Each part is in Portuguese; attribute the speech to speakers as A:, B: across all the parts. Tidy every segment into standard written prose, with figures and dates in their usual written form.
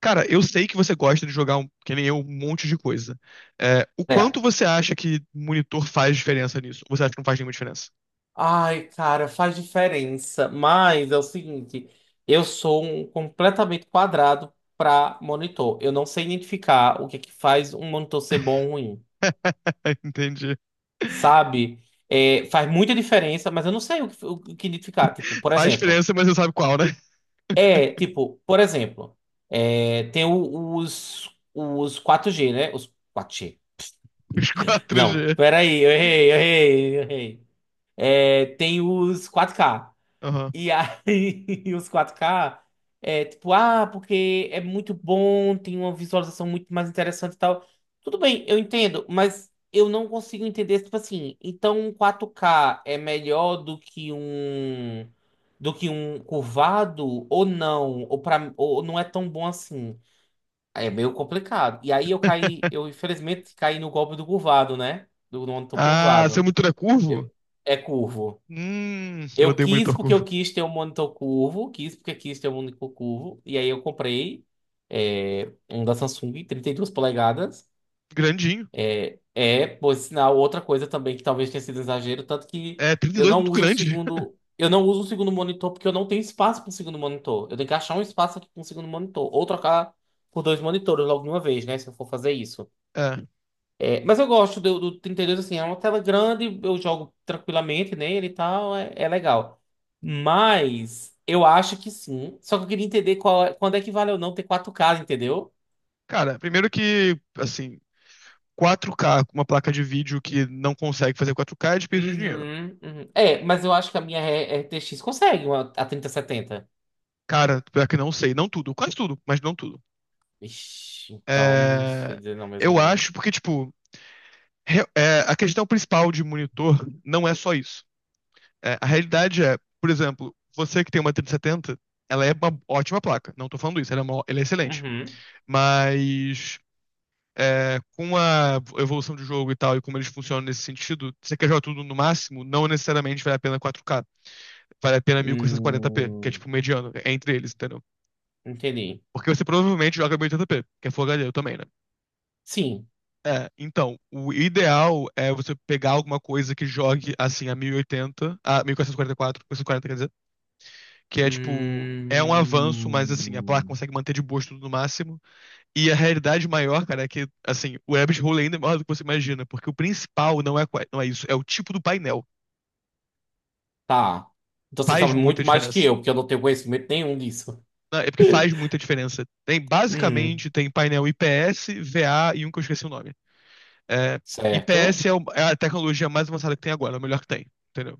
A: Cara, eu sei que você gosta de jogar, que nem eu, um monte de coisa. O
B: É.
A: quanto você acha que monitor faz diferença nisso? Ou você acha que não faz nenhuma diferença?
B: Ai, cara, faz diferença. Mas é o seguinte, eu sou um completamente quadrado para monitor. Eu não sei identificar o que é que faz um monitor ser bom ou ruim,
A: Entendi.
B: sabe? É, faz muita diferença, mas eu não sei o que identificar. Tipo, por
A: Faz
B: exemplo,
A: diferença, mas você sabe qual, né?
B: é tipo, por exemplo, tem os quatro g, né? Os quatro g.
A: Os 4G.
B: Não, peraí, eu errei, eu errei, eu errei. É, tem os quatro k.
A: Aham.
B: E aí, os 4K, é tipo, ah, porque é muito bom, tem uma visualização muito mais interessante e tal. Tudo bem, eu entendo, mas eu não consigo entender, tipo assim, então um 4K é melhor do que um curvado ou não, ou não é tão bom assim. É meio complicado. E aí eu caí, eu infelizmente caí no golpe do curvado, né? Do monitor
A: Ah, seu
B: curvado.
A: monitor é curvo?
B: Eu- É curvo.
A: Eu
B: Eu
A: odeio
B: quis
A: monitor
B: porque
A: curvo.
B: eu quis ter um monitor curvo, quis porque quis ter um monitor curvo, e aí eu comprei um da Samsung, 32 polegadas.
A: Grandinho.
B: É, por sinal, outra coisa também que talvez tenha sido um exagero, tanto que
A: É, 32 é muito grande.
B: eu não uso um segundo monitor porque eu não tenho espaço para um segundo monitor. Eu tenho que achar um espaço aqui para um segundo monitor, ou trocar por dois monitores logo de uma vez, né, se eu for fazer isso.
A: É.
B: É, mas eu gosto do 32, assim, é uma tela grande, eu jogo tranquilamente nele e tal, é legal. Mas eu acho que sim. Só que eu queria entender qual, quando é que vale ou não ter quatro k, entendeu?
A: Cara, primeiro que, assim, 4K com uma placa de vídeo que não consegue fazer 4K é desperdício de dinheiro.
B: Uhum, uhum. É, mas eu acho que a minha RTX consegue uma, a 3070.
A: Cara, pior que não sei. Não tudo, quase tudo, mas não tudo.
B: Ixi, então, não sei
A: É,
B: dizer não mesmo
A: eu
B: não.
A: acho, porque, tipo, a questão principal de monitor não é só isso. É, a realidade é, por exemplo, você que tem uma 3070, ela é uma ótima placa. Não tô falando isso, ela é excelente.
B: Uhum.
A: Mas é, com a evolução do jogo e tal, e como eles funcionam nesse sentido, você quer jogar tudo no máximo, não necessariamente vale a pena 4K. Vale a pena 1440p, que é
B: Hum,
A: tipo o mediano, é entre eles, entendeu?
B: entendi.
A: Porque você provavelmente joga 1080p, que é Full HD, eu também, né?
B: Sim.
A: É, então, o ideal é você pegar alguma coisa que jogue assim a 1080, a 1444, 1440, quer dizer, que é tipo, é um avanço, mas assim, a placa
B: Hum.
A: consegue manter de boas tudo no máximo. E a realidade maior, cara, é que assim, o rabbit hole ainda é maior do que você imagina, porque o principal não não é isso, é o tipo do painel.
B: Tá. Então você
A: Faz
B: sabe
A: muita
B: muito mais que
A: diferença.
B: eu, porque eu não tenho conhecimento nenhum disso.
A: Não, é porque faz muita diferença. Tem
B: Uhum.
A: basicamente tem painel IPS, VA e um que eu esqueci o nome. É, IPS
B: Certo.
A: é o- é a tecnologia mais avançada que tem agora, é o melhor que tem. Entendeu?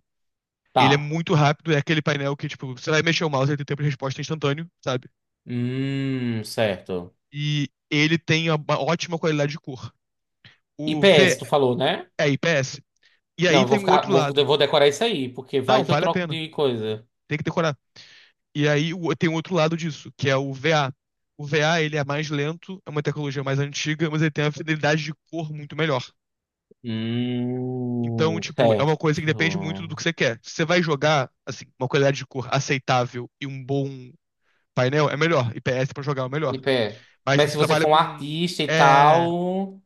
B: Tá.
A: Ele é muito rápido, é aquele painel que, tipo, você vai mexer o mouse, ele tem tempo de resposta instantâneo, sabe?
B: Certo.
A: E ele tem uma ótima qualidade de cor. O V
B: IPS, tu falou, né?
A: é IPS. E
B: Não,
A: aí tem o outro
B: eu
A: lado.
B: vou decorar isso aí, porque vai
A: Não,
B: que eu
A: vale a
B: troco
A: pena.
B: de coisa.
A: Tem que decorar. E aí tem o outro lado disso, que é o VA. O VA, ele é mais lento, é uma tecnologia mais antiga, mas ele tem uma fidelidade de cor muito melhor. Então, tipo, é
B: Certo.
A: uma coisa que depende muito do que você quer. Se você vai jogar, assim, uma qualidade de cor aceitável e um bom painel, é melhor. IPS pra jogar é o melhor.
B: IPS.
A: Mas
B: Mas
A: você
B: se você
A: trabalha
B: for um
A: com.
B: artista e
A: É,
B: tal.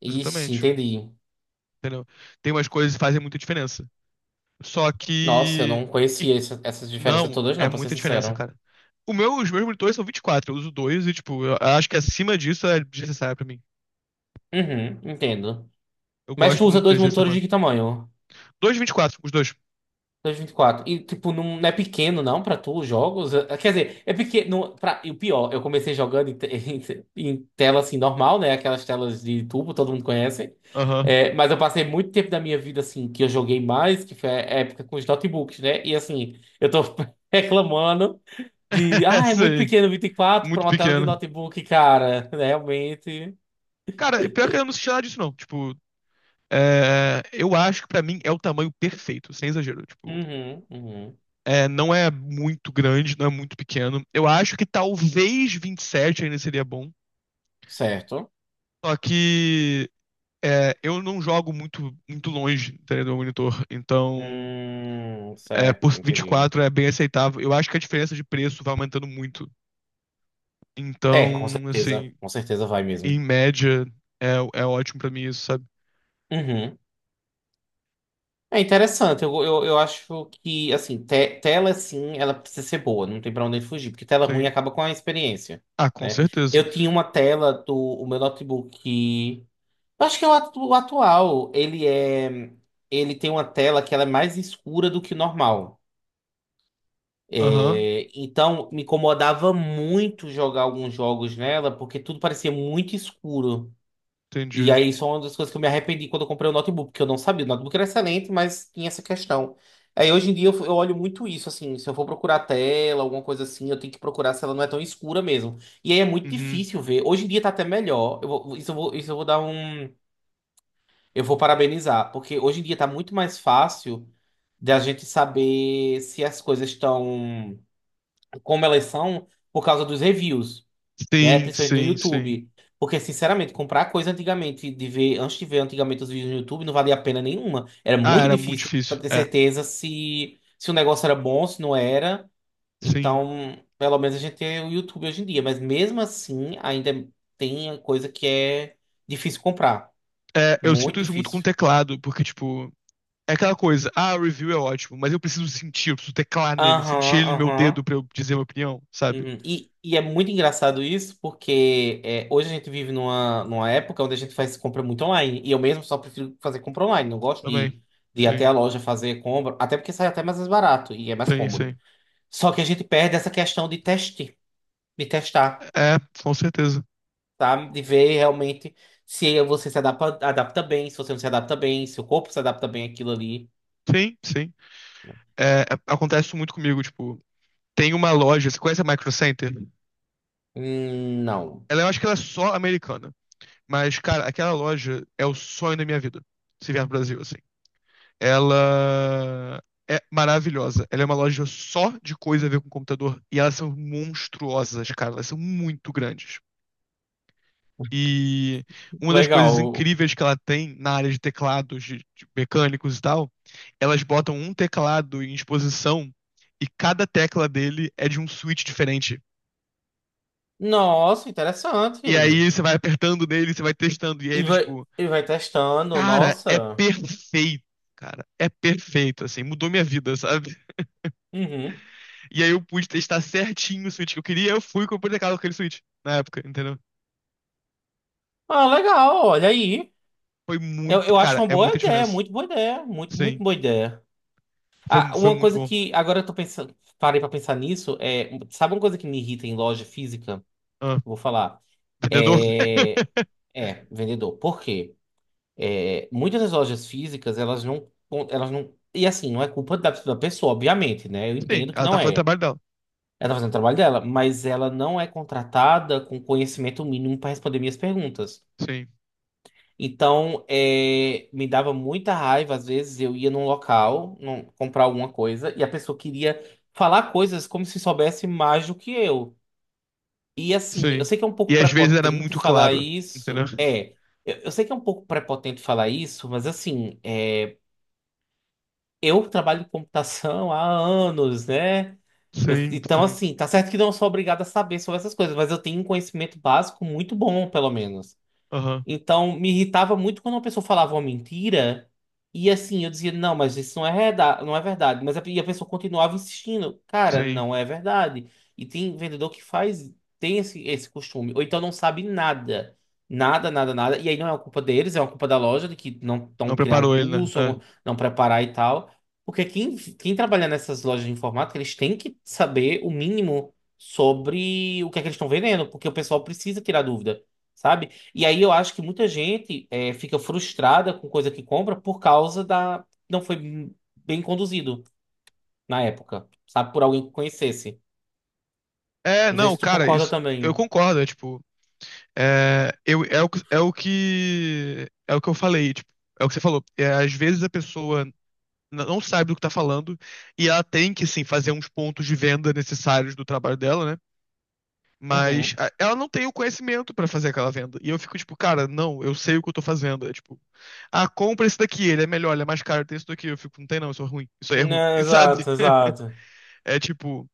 B: Ixi,
A: exatamente.
B: entendi.
A: Entendeu? Tem umas coisas que fazem muita diferença. Só
B: Nossa, eu
A: que.
B: não
A: e-
B: conhecia essas diferenças
A: não,
B: todas, não,
A: é
B: pra ser
A: muita diferença,
B: sincero.
A: cara. Os meus monitores são 24, eu uso dois e, tipo, eu acho que acima disso é desnecessário pra mim.
B: Uhum, entendo.
A: Eu
B: Mas tu
A: gosto
B: usa
A: muito
B: dois
A: das
B: monitores
A: GSM.
B: de que tamanho?
A: Dois de 24, os dois.
B: 2024. E, 24 e tipo, não, não é pequeno, não, pra tu, os jogos? Quer dizer, é pequeno. E o pior, eu comecei jogando em tela, assim, normal, né? Aquelas telas de tubo, todo mundo conhece.
A: Aham.
B: Mas eu passei muito tempo da minha vida, assim, que eu joguei mais, que foi a época com os notebooks, né? E, assim, eu tô reclamando de. Ah, é muito
A: Sei.
B: pequeno 24 pra
A: Muito
B: uma tela de
A: pequeno.
B: notebook, cara. Realmente.
A: Cara, é pior que eu não senti nada disso, não. Tipo, é, eu acho que pra mim é o tamanho perfeito, sem exagero. Tipo,
B: Uhum, uhum.
A: é, não é muito grande, não é muito pequeno. Eu acho que talvez 27 ainda seria bom.
B: Certo.
A: Só que é, eu não jogo muito longe, entendeu, do meu monitor. Então, é, por
B: Certo, entendi.
A: 24 é bem aceitável. Eu acho que a diferença de preço vai aumentando muito.
B: É, com
A: Então,
B: certeza.
A: assim,
B: Com certeza vai mesmo.
A: em média, é, é ótimo pra mim isso, sabe?
B: Uhum. É interessante, eu acho que, assim, tela, sim, ela precisa ser boa, não tem pra onde fugir, porque tela ruim
A: Sim.
B: acaba com a experiência,
A: Ah, com
B: né?
A: certeza.
B: Eu tinha uma tela do o meu notebook, eu acho que é o atual, ele tem uma tela que ela é mais escura do que o normal.
A: Aham,
B: É, então, me incomodava muito jogar alguns jogos nela, porque tudo parecia muito escuro. E
A: entendi.
B: aí, isso é uma das coisas que eu me arrependi quando eu comprei o notebook, porque eu não sabia. O notebook era excelente, mas tinha essa questão. Aí, hoje em dia, eu olho muito isso, assim. Se eu for procurar a tela, alguma coisa assim, eu tenho que procurar se ela não é tão escura mesmo. E aí, é muito
A: Uhum.
B: difícil ver. Hoje em dia, tá até melhor. Isso eu vou dar um. Eu vou parabenizar, porque hoje em dia tá muito mais fácil da gente saber se as coisas estão como elas são, por causa dos reviews, né?
A: Sim,
B: Principalmente do
A: sim, sim.
B: YouTube. Porque, sinceramente, comprar coisa antigamente, antes de ver antigamente os vídeos no YouTube, não valia a pena nenhuma. Era
A: Ah,
B: muito
A: era muito
B: difícil
A: difícil.
B: pra ter
A: É,
B: certeza se o negócio era bom, se não era.
A: sim.
B: Então, pelo menos a gente tem o YouTube hoje em dia. Mas mesmo assim, ainda tem coisa que é difícil comprar.
A: É, eu sinto
B: Muito
A: isso muito com o
B: difícil.
A: teclado, porque, tipo, é aquela coisa, ah, o review é ótimo, mas eu preciso sentir, eu preciso teclar nele,
B: Aham,
A: sentir ele no meu
B: aham.
A: dedo pra eu dizer minha opinião, sabe?
B: Uhum. É muito engraçado isso, porque hoje a gente vive numa época onde a gente faz compra muito online. E eu mesmo só prefiro fazer compra online. Não gosto
A: Também.
B: de ir até
A: Sim,
B: a loja fazer compra, até porque sai até mais barato e é mais
A: sim,
B: cômodo.
A: sim.
B: Só que a gente perde essa questão de teste, de testar,
A: É, com certeza.
B: tá? De ver realmente se você se adapta, adapta bem, se você não se adapta bem, se o corpo se adapta bem àquilo ali.
A: Sim, sim. É, acontece isso muito comigo, tipo, tem uma loja, você conhece a Micro Center?
B: Não.
A: Ela, eu acho que ela é só americana, mas, cara, aquela loja é o sonho da minha vida, se vier pro Brasil, assim. Ela é maravilhosa. Ela é uma loja só de coisa a ver com computador. E elas são monstruosas, cara. Elas são muito grandes. E uma das coisas
B: Legal.
A: incríveis que ela tem na área de teclados, de mecânicos e tal, elas botam um teclado em exposição e cada tecla dele é de um switch diferente.
B: Nossa,
A: E
B: interessante.
A: aí você vai apertando nele, você vai testando. E aí
B: E
A: ele,
B: vai,
A: tipo,
B: e vai testando,
A: cara, é
B: nossa.
A: perfeito, cara. É perfeito, assim, mudou minha vida, sabe?
B: Uhum.
A: E aí eu pude testar certinho o switch que eu queria, eu fui e comprei aquele switch na época, entendeu?
B: Ah, legal, olha aí.
A: Foi
B: Eu,
A: muito
B: eu acho
A: cara,
B: uma
A: é muita diferença.
B: boa ideia, muito, muito
A: Sim,
B: boa ideia.
A: foi,
B: Ah,
A: foi
B: uma
A: muito
B: coisa
A: bom.
B: que agora eu tô pensando, parei pra pensar nisso, sabe uma coisa que me irrita em loja física? Eu
A: Ah,
B: Vou falar.
A: vendedor?
B: É, é vendedor. Por quê? Muitas das lojas físicas, elas não, e assim, não é culpa da pessoa, obviamente, né? Eu
A: Sim,
B: entendo que
A: ela tá
B: não
A: fazendo o
B: é.
A: trabalho dela.
B: Ela tá fazendo o trabalho dela, mas ela não é contratada com conhecimento mínimo para responder minhas perguntas.
A: Sim,
B: Então, me dava muita raiva, às vezes eu ia num local comprar alguma coisa e a pessoa queria falar coisas como se soubesse mais do que eu. E assim, eu
A: sim.
B: sei que é um pouco
A: E às vezes era
B: prepotente
A: muito
B: falar
A: claro, entendeu?
B: isso. Eu sei que é um pouco prepotente falar isso, mas assim, eu trabalho em computação há anos, né? Eu-
A: Sim,
B: então,
A: sim.
B: assim, tá certo que não sou obrigado a saber sobre essas coisas, mas eu tenho um conhecimento básico muito bom, pelo menos.
A: Aham,
B: Então, me irritava muito quando uma pessoa falava uma mentira e assim, eu dizia, não, mas isso não é verdade. Mas e a pessoa continuava insistindo, cara,
A: sim.
B: não é verdade. E tem vendedor que faz, tem esse costume, ou então não sabe nada. Nada, nada, nada. E aí não é uma culpa deles, é uma culpa da loja de que não estão
A: Não
B: criar um
A: preparou ele, né?
B: curso, ou não preparar e tal. Porque quem trabalha nessas lojas de informática, eles têm que saber o mínimo sobre o que é que eles estão vendendo, porque o pessoal precisa tirar dúvida, sabe? E aí eu acho que muita gente fica frustrada com coisa que compra por causa da. Não foi bem conduzido na época, sabe? Por alguém que conhecesse.
A: É, É,
B: Não sei
A: não,
B: se tu
A: cara,
B: concorda
A: isso eu
B: também.
A: concordo, é tipo, é, eu, é, o, que- é o que é o que eu falei, tipo, é o que você falou. É, às vezes a pessoa
B: Uhum.
A: não sabe do que tá falando, e ela tem que, sim, fazer uns pontos de venda necessários do trabalho dela, né?
B: Uhum.
A: Ela não tem o conhecimento pra fazer aquela venda. E eu fico tipo, cara, não, eu sei o que eu tô fazendo. É tipo, ah, compra esse daqui, ele é melhor, ele é mais caro, tem esse daqui. Eu fico, não tem não, isso é ruim, isso aí é ruim,
B: Né,
A: sabe?
B: exato, exato.
A: É tipo,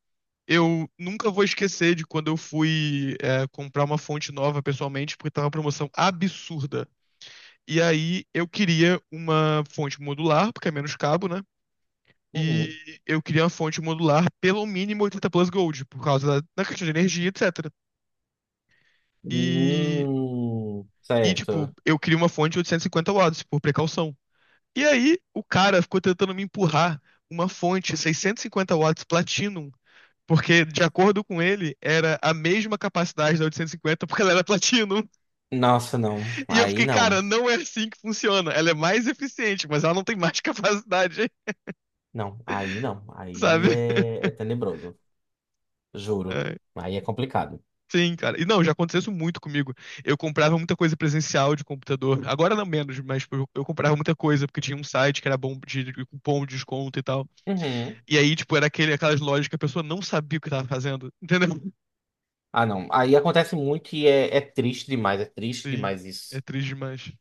A: eu nunca vou esquecer de quando eu fui comprar uma fonte nova pessoalmente, porque tava uma promoção absurda. E aí eu queria uma fonte modular, porque é menos cabo, né?
B: Uhum.
A: E eu queria uma fonte modular pelo mínimo 80 plus Gold, por causa da questão de energia, etc. E, tipo,
B: Certo.
A: eu queria uma fonte de 850 watts, por precaução. E aí, o cara ficou tentando me empurrar uma fonte 650 watts Platinum, porque, de acordo com ele, era a mesma capacidade da 850, porque ela era Platinum.
B: Nossa, não.
A: E eu
B: Aí
A: fiquei, cara,
B: não.
A: não é assim que funciona. Ela é mais eficiente, mas ela não tem mais capacidade,
B: Não, aí não. Aí
A: sabe?
B: é tenebroso. Juro.
A: É.
B: Aí é complicado.
A: Sim, cara. E não, já aconteceu isso muito comigo. Eu comprava muita coisa presencial de computador. Agora não menos, mas tipo, eu comprava muita coisa porque tinha um site que era bom de cupom de desconto e tal.
B: Uhum.
A: E aí, tipo, era aquele, aquelas lojas que a pessoa não sabia o que tava fazendo. Entendeu?
B: Ah, não. Aí acontece muito e é triste demais. É triste
A: Sim,
B: demais
A: é
B: isso.
A: triste demais.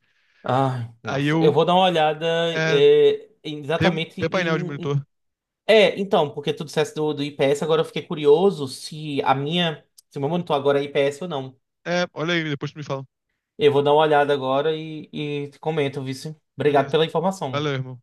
B: Ai,
A: Aí
B: nossa. Eu
A: eu.
B: vou dar uma olhada
A: É, vê,
B: exatamente
A: vê painel de
B: em. em-
A: monitor.
B: É, então, porque tu dissesse do IPS, agora eu fiquei curioso se a minha. Se o meu monitor agora é IPS ou não.
A: É, olha aí, depois tu me fala.
B: Eu vou dar uma olhada agora e te comento, vice. Obrigado
A: Beleza.
B: pela informação.
A: Valeu, irmão.